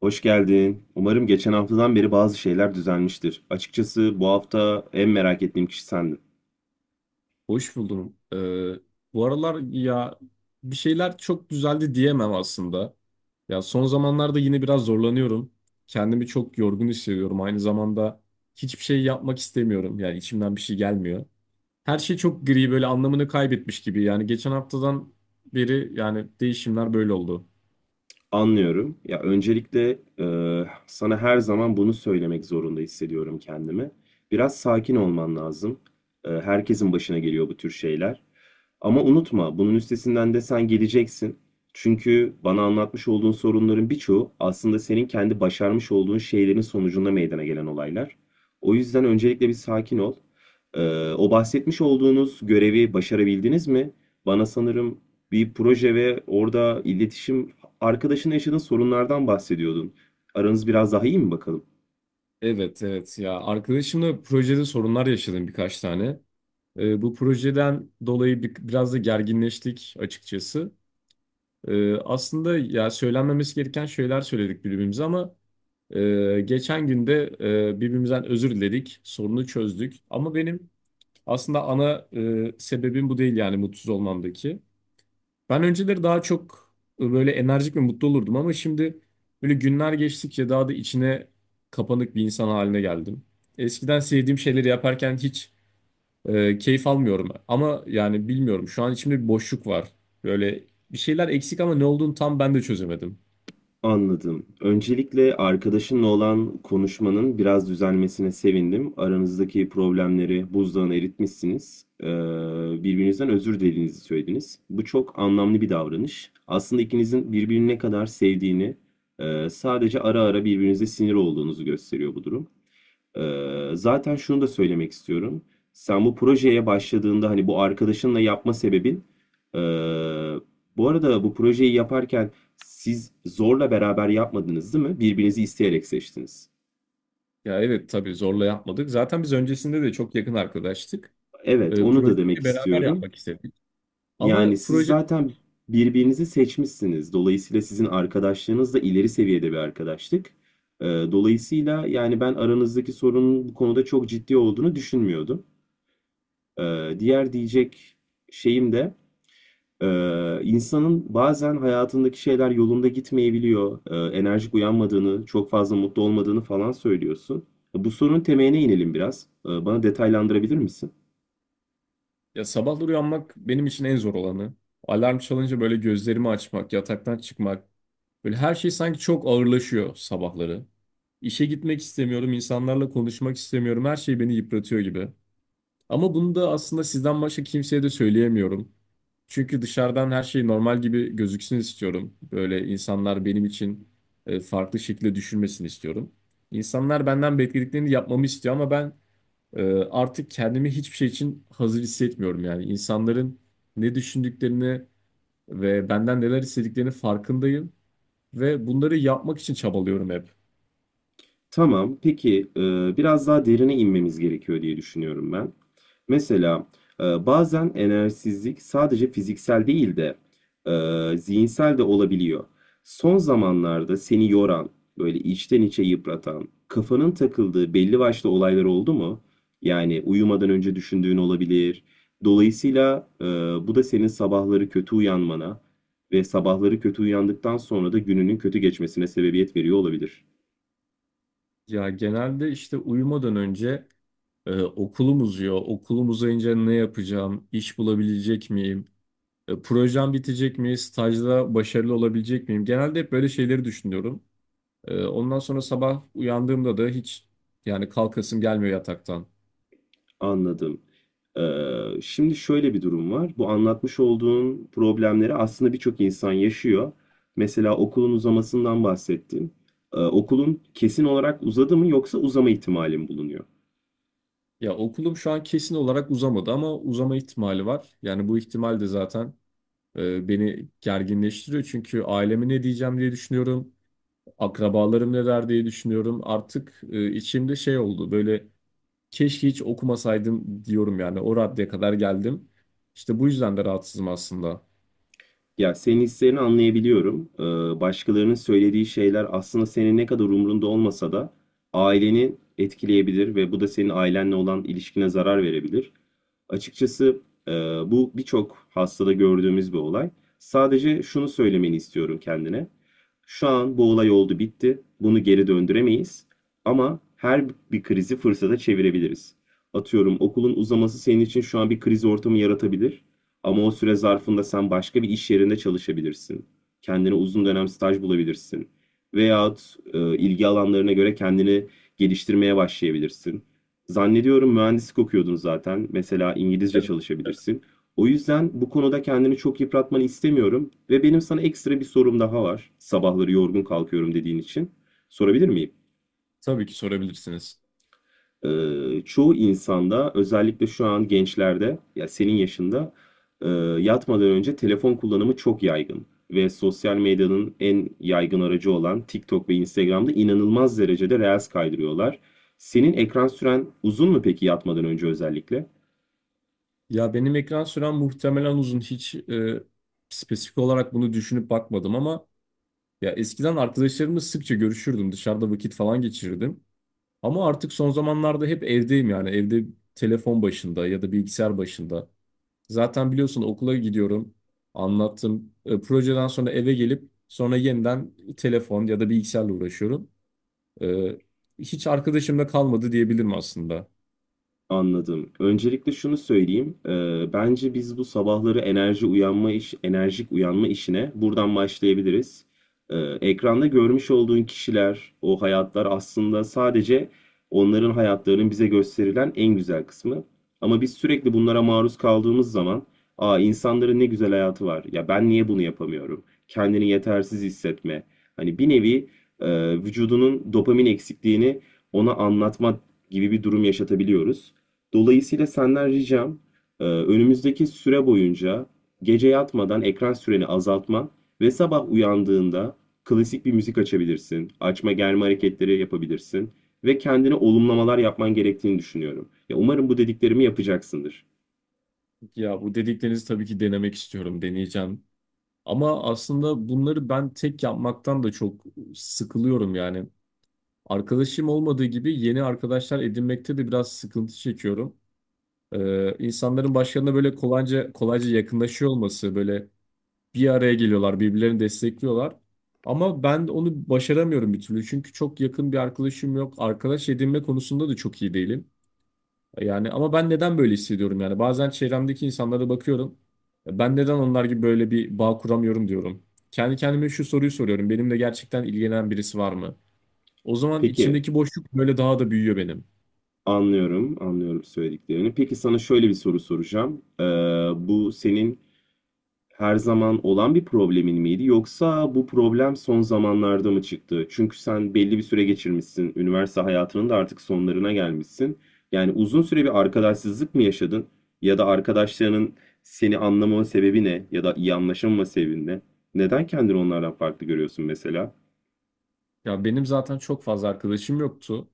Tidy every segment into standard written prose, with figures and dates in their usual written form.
Hoş geldin. Umarım geçen haftadan beri bazı şeyler düzelmiştir. Açıkçası bu hafta en merak ettiğim kişi sendin. Hoş buldum. Bu aralar ya bir şeyler çok düzeldi diyemem aslında. Ya son zamanlarda yine biraz zorlanıyorum. Kendimi çok yorgun hissediyorum. Aynı zamanda hiçbir şey yapmak istemiyorum. Yani içimden bir şey gelmiyor. Her şey çok gri böyle anlamını kaybetmiş gibi. Yani geçen haftadan beri yani değişimler böyle oldu. Anlıyorum. Ya öncelikle sana her zaman bunu söylemek zorunda hissediyorum kendimi. Biraz sakin olman lazım. Herkesin başına geliyor bu tür şeyler. Ama unutma, bunun üstesinden de sen geleceksin. Çünkü bana anlatmış olduğun sorunların birçoğu aslında senin kendi başarmış olduğun şeylerin sonucunda meydana gelen olaylar. O yüzden öncelikle bir sakin ol. O bahsetmiş olduğunuz görevi başarabildiniz mi? Bana sanırım bir proje ve orada iletişim arkadaşınla yaşadığın sorunlardan bahsediyordun. Aranız biraz daha iyi mi bakalım? Evet evet, ya arkadaşımla projede sorunlar yaşadım birkaç tane. Bu projeden dolayı biraz da gerginleştik açıkçası. Aslında ya söylenmemesi gereken şeyler söyledik birbirimize ama geçen günde birbirimizden özür diledik, sorunu çözdük. Ama benim aslında ana sebebim bu değil yani mutsuz olmamdaki. Ben önceleri daha çok böyle enerjik ve mutlu olurdum ama şimdi böyle günler geçtikçe daha da içine kapanık bir insan haline geldim. Eskiden sevdiğim şeyleri yaparken hiç keyif almıyorum ama yani bilmiyorum şu an içimde bir boşluk var. Böyle bir şeyler eksik ama ne olduğunu tam ben de çözemedim. Anladım. Öncelikle arkadaşınla olan konuşmanın biraz düzelmesine sevindim. Aranızdaki problemleri buzdağına eritmişsiniz. Birbirinizden özür dilediğinizi söylediniz. Bu çok anlamlı bir davranış. Aslında ikinizin birbirini ne kadar sevdiğini, sadece ara ara birbirinize sinir olduğunuzu gösteriyor bu durum. Zaten şunu da söylemek istiyorum. Sen bu projeye başladığında hani bu arkadaşınla yapma sebebin ee, bu arada bu projeyi yaparken siz zorla beraber yapmadınız değil mi? Birbirinizi isteyerek seçtiniz. Ya evet, tabii zorla yapmadık. Zaten biz öncesinde de çok yakın arkadaştık. Evet, onu da Projeyi demek beraber istiyorum. yapmak istedik. Yani Ama siz proje zaten birbirinizi seçmişsiniz. Dolayısıyla sizin arkadaşlığınız da ileri seviyede bir arkadaşlık. Dolayısıyla yani ben aranızdaki sorunun bu konuda çok ciddi olduğunu düşünmüyordum. Diğer diyecek şeyim de insanın bazen hayatındaki şeyler yolunda gitmeyebiliyor. Enerjik uyanmadığını, çok fazla mutlu olmadığını falan söylüyorsun. Bu sorunun temeline inelim biraz. Bana detaylandırabilir misin? ya sabahları uyanmak benim için en zor olanı. Alarm çalınca böyle gözlerimi açmak, yataktan çıkmak. Böyle her şey sanki çok ağırlaşıyor sabahları. İşe gitmek istemiyorum, insanlarla konuşmak istemiyorum. Her şey beni yıpratıyor gibi. Ama bunu da aslında sizden başka kimseye de söyleyemiyorum. Çünkü dışarıdan her şey normal gibi gözüksün istiyorum. Böyle insanlar benim için farklı şekilde düşünmesini istiyorum. İnsanlar benden beklediklerini yapmamı istiyor ama ben e, artık kendimi hiçbir şey için hazır hissetmiyorum yani. İnsanların ne düşündüklerini ve benden neler istediklerini farkındayım ve bunları yapmak için çabalıyorum hep. Tamam. Peki biraz daha derine inmemiz gerekiyor diye düşünüyorum ben. Mesela bazen enerjisizlik sadece fiziksel değil de zihinsel de olabiliyor. Son zamanlarda seni yoran, böyle içten içe yıpratan, kafanın takıldığı belli başlı olaylar oldu mu? Yani uyumadan önce düşündüğün olabilir. Dolayısıyla bu da senin sabahları kötü uyanmana ve sabahları kötü uyandıktan sonra da gününün kötü geçmesine sebebiyet veriyor olabilir. Ya genelde işte uyumadan önce okulum uzuyor. Okulum uzayınca ne yapacağım? İş bulabilecek miyim? Projem bitecek mi? Stajda başarılı olabilecek miyim? Genelde hep böyle şeyleri düşünüyorum. Ondan sonra sabah uyandığımda da hiç yani kalkasım gelmiyor yataktan. Anladım. Şimdi şöyle bir durum var. Bu anlatmış olduğun problemleri aslında birçok insan yaşıyor. Mesela okulun uzamasından bahsettin. Okulun kesin olarak uzadı mı yoksa uzama ihtimali mi bulunuyor? Ya okulum şu an kesin olarak uzamadı ama uzama ihtimali var. Yani bu ihtimal de zaten beni gerginleştiriyor. Çünkü aileme ne diyeceğim diye düşünüyorum. Akrabalarım ne der diye düşünüyorum. Artık içimde şey oldu böyle. Keşke hiç okumasaydım diyorum yani. O raddeye kadar geldim. İşte bu yüzden de rahatsızım aslında. Ya senin hislerini anlayabiliyorum. Başkalarının söylediği şeyler aslında senin ne kadar umrunda olmasa da aileni etkileyebilir ve bu da senin ailenle olan ilişkine zarar verebilir. Açıkçası e, bu birçok hastada gördüğümüz bir olay. Sadece şunu söylemeni istiyorum kendine. Şu an bu olay oldu bitti. Bunu geri döndüremeyiz. Ama her bir krizi fırsata çevirebiliriz. Atıyorum okulun uzaması senin için şu an bir kriz ortamı yaratabilir. Ama o süre zarfında sen başka bir iş yerinde çalışabilirsin. Kendine uzun dönem staj bulabilirsin. Veyahut ilgi alanlarına göre kendini geliştirmeye başlayabilirsin. Zannediyorum mühendislik okuyordun zaten. Mesela İngilizce Evet. çalışabilirsin. O yüzden bu konuda kendini çok yıpratmanı istemiyorum ve benim sana ekstra bir sorum daha var. Sabahları yorgun kalkıyorum dediğin için. Sorabilir miyim? Tabii ki sorabilirsiniz. Çoğu insanda özellikle şu an gençlerde ya senin yaşında e, yatmadan önce telefon kullanımı çok yaygın ve sosyal medyanın en yaygın aracı olan TikTok ve Instagram'da inanılmaz derecede reels kaydırıyorlar. Senin ekran süren uzun mu peki yatmadan önce özellikle? Ya benim ekran sürem muhtemelen uzun. Hiç spesifik olarak bunu düşünüp bakmadım ama ya eskiden arkadaşlarımla sıkça görüşürdüm. Dışarıda vakit falan geçirirdim. Ama artık son zamanlarda hep evdeyim yani. Evde telefon başında ya da bilgisayar başında. Zaten biliyorsun okula gidiyorum. Anlattım. Projeden sonra eve gelip sonra yeniden telefon ya da bilgisayarla uğraşıyorum. Ee, Hiç arkadaşımda kalmadı diyebilirim aslında. Anladım. Öncelikle şunu söyleyeyim. Bence biz bu sabahları enerjik uyanma işine buradan başlayabiliriz. Ee, Ekranda görmüş olduğun kişiler, o hayatlar aslında sadece onların hayatlarının bize gösterilen en güzel kısmı. Ama biz sürekli bunlara maruz kaldığımız zaman, aa insanların ne güzel hayatı var. Ya ben niye bunu yapamıyorum? Kendini yetersiz hissetme. Hani bir nevi vücudunun dopamin eksikliğini ona anlatma gibi bir durum yaşatabiliyoruz. Dolayısıyla senden ricam önümüzdeki süre boyunca gece yatmadan ekran süreni azaltman ve sabah uyandığında klasik bir müzik açabilirsin, açma germe hareketleri yapabilirsin ve kendine olumlamalar yapman gerektiğini düşünüyorum. Ya umarım bu dediklerimi yapacaksındır. Ya bu dediklerinizi tabii ki denemek istiyorum, deneyeceğim. Ama aslında bunları ben tek yapmaktan da çok sıkılıyorum yani. Arkadaşım olmadığı gibi yeni arkadaşlar edinmekte de biraz sıkıntı çekiyorum. İnsanların başlarına böyle kolayca yakınlaşıyor olması, böyle bir araya geliyorlar, birbirlerini destekliyorlar. Ama ben onu başaramıyorum bir türlü. Çünkü çok yakın bir arkadaşım yok. Arkadaş edinme konusunda da çok iyi değilim. Yani ama ben neden böyle hissediyorum yani bazen çevremdeki insanlara bakıyorum. Ben neden onlar gibi böyle bir bağ kuramıyorum diyorum. Kendi kendime şu soruyu soruyorum. Benimle gerçekten ilgilenen birisi var mı? O zaman Peki içimdeki boşluk böyle daha da büyüyor benim. anlıyorum, anlıyorum söylediklerini. Peki sana şöyle bir soru soracağım. Bu senin her zaman olan bir problemin miydi yoksa bu problem son zamanlarda mı çıktı? Çünkü sen belli bir süre geçirmişsin, üniversite hayatının da artık sonlarına gelmişsin. Yani uzun süre bir arkadaşsızlık mı yaşadın ya da arkadaşlarının seni anlamama sebebi ne ya da iyi anlaşamama sebebi ne? Neden kendini onlardan farklı görüyorsun mesela? Ya benim zaten çok fazla arkadaşım yoktu.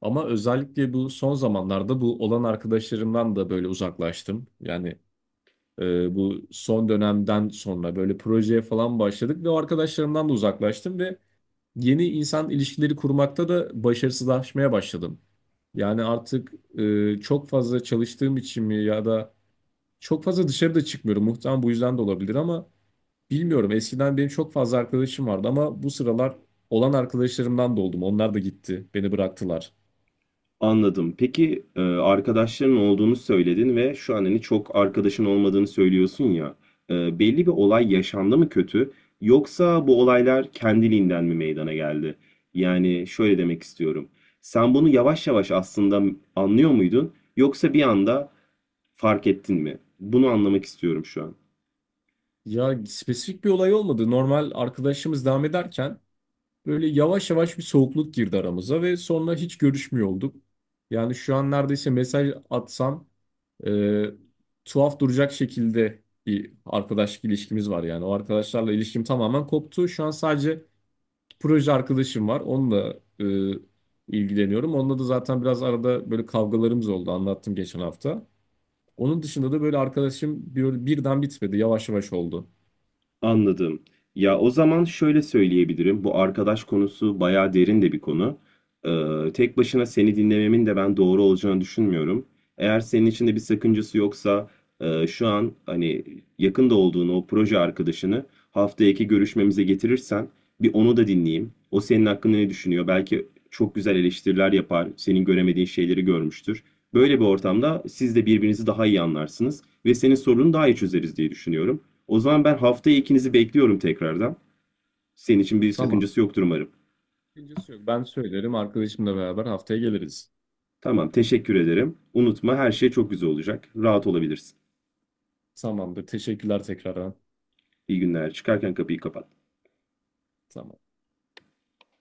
Ama özellikle bu son zamanlarda bu olan arkadaşlarımdan da böyle uzaklaştım. Yani bu son dönemden sonra böyle projeye falan başladık ve o arkadaşlarımdan da uzaklaştım ve yeni insan ilişkileri kurmakta da başarısızlaşmaya başladım. Yani artık çok fazla çalıştığım için mi ya da çok fazla dışarıda çıkmıyorum. Muhtemelen bu yüzden de olabilir ama bilmiyorum. Eskiden benim çok fazla arkadaşım vardı ama bu sıralar olan arkadaşlarımdan da oldum. Onlar da gitti, beni bıraktılar. Anladım. Peki arkadaşların olduğunu söyledin ve şu an hani çok arkadaşın olmadığını söylüyorsun ya. Belli bir olay yaşandı mı kötü yoksa bu olaylar kendiliğinden mi meydana geldi? Yani şöyle demek istiyorum. Sen bunu yavaş yavaş aslında anlıyor muydun yoksa bir anda fark ettin mi? Bunu anlamak istiyorum şu an. Ya spesifik bir olay olmadı. Normal arkadaşımız devam ederken böyle yavaş yavaş bir soğukluk girdi aramıza ve sonra hiç görüşmüyor olduk. Yani şu an neredeyse mesaj atsam e, tuhaf duracak şekilde bir arkadaşlık ilişkimiz var yani. O arkadaşlarla ilişkim tamamen koptu. Şu an sadece proje arkadaşım var. Onunla ilgileniyorum. Onunla da zaten biraz arada böyle kavgalarımız oldu. Anlattım geçen hafta. Onun dışında da böyle arkadaşım böyle birden bitmedi. Yavaş yavaş oldu. Anladım. Ya o zaman şöyle söyleyebilirim. Bu arkadaş konusu bayağı derin de bir konu. Tek başına seni dinlememin de ben doğru olacağını düşünmüyorum. Eğer senin için de bir sakıncası yoksa şu an hani yakında olduğun o proje arkadaşını haftaya iki görüşmemize getirirsen bir onu da dinleyeyim. O senin hakkında ne düşünüyor? Belki çok güzel eleştiriler yapar, senin göremediğin şeyleri görmüştür. Böyle bir ortamda siz de birbirinizi daha iyi anlarsınız ve senin sorununu daha iyi çözeriz diye düşünüyorum. O zaman ben haftaya ikinizi bekliyorum tekrardan. Senin için bir Tamam. sakıncası yoktur umarım. Sakıncası yok. Ben söylerim. Arkadaşımla beraber haftaya geliriz. Tamam, teşekkür ederim. Unutma her şey çok güzel olacak. Rahat olabilirsin. Tamamdır. Teşekkürler tekrardan. İyi günler. Çıkarken kapıyı kapat. Tamam.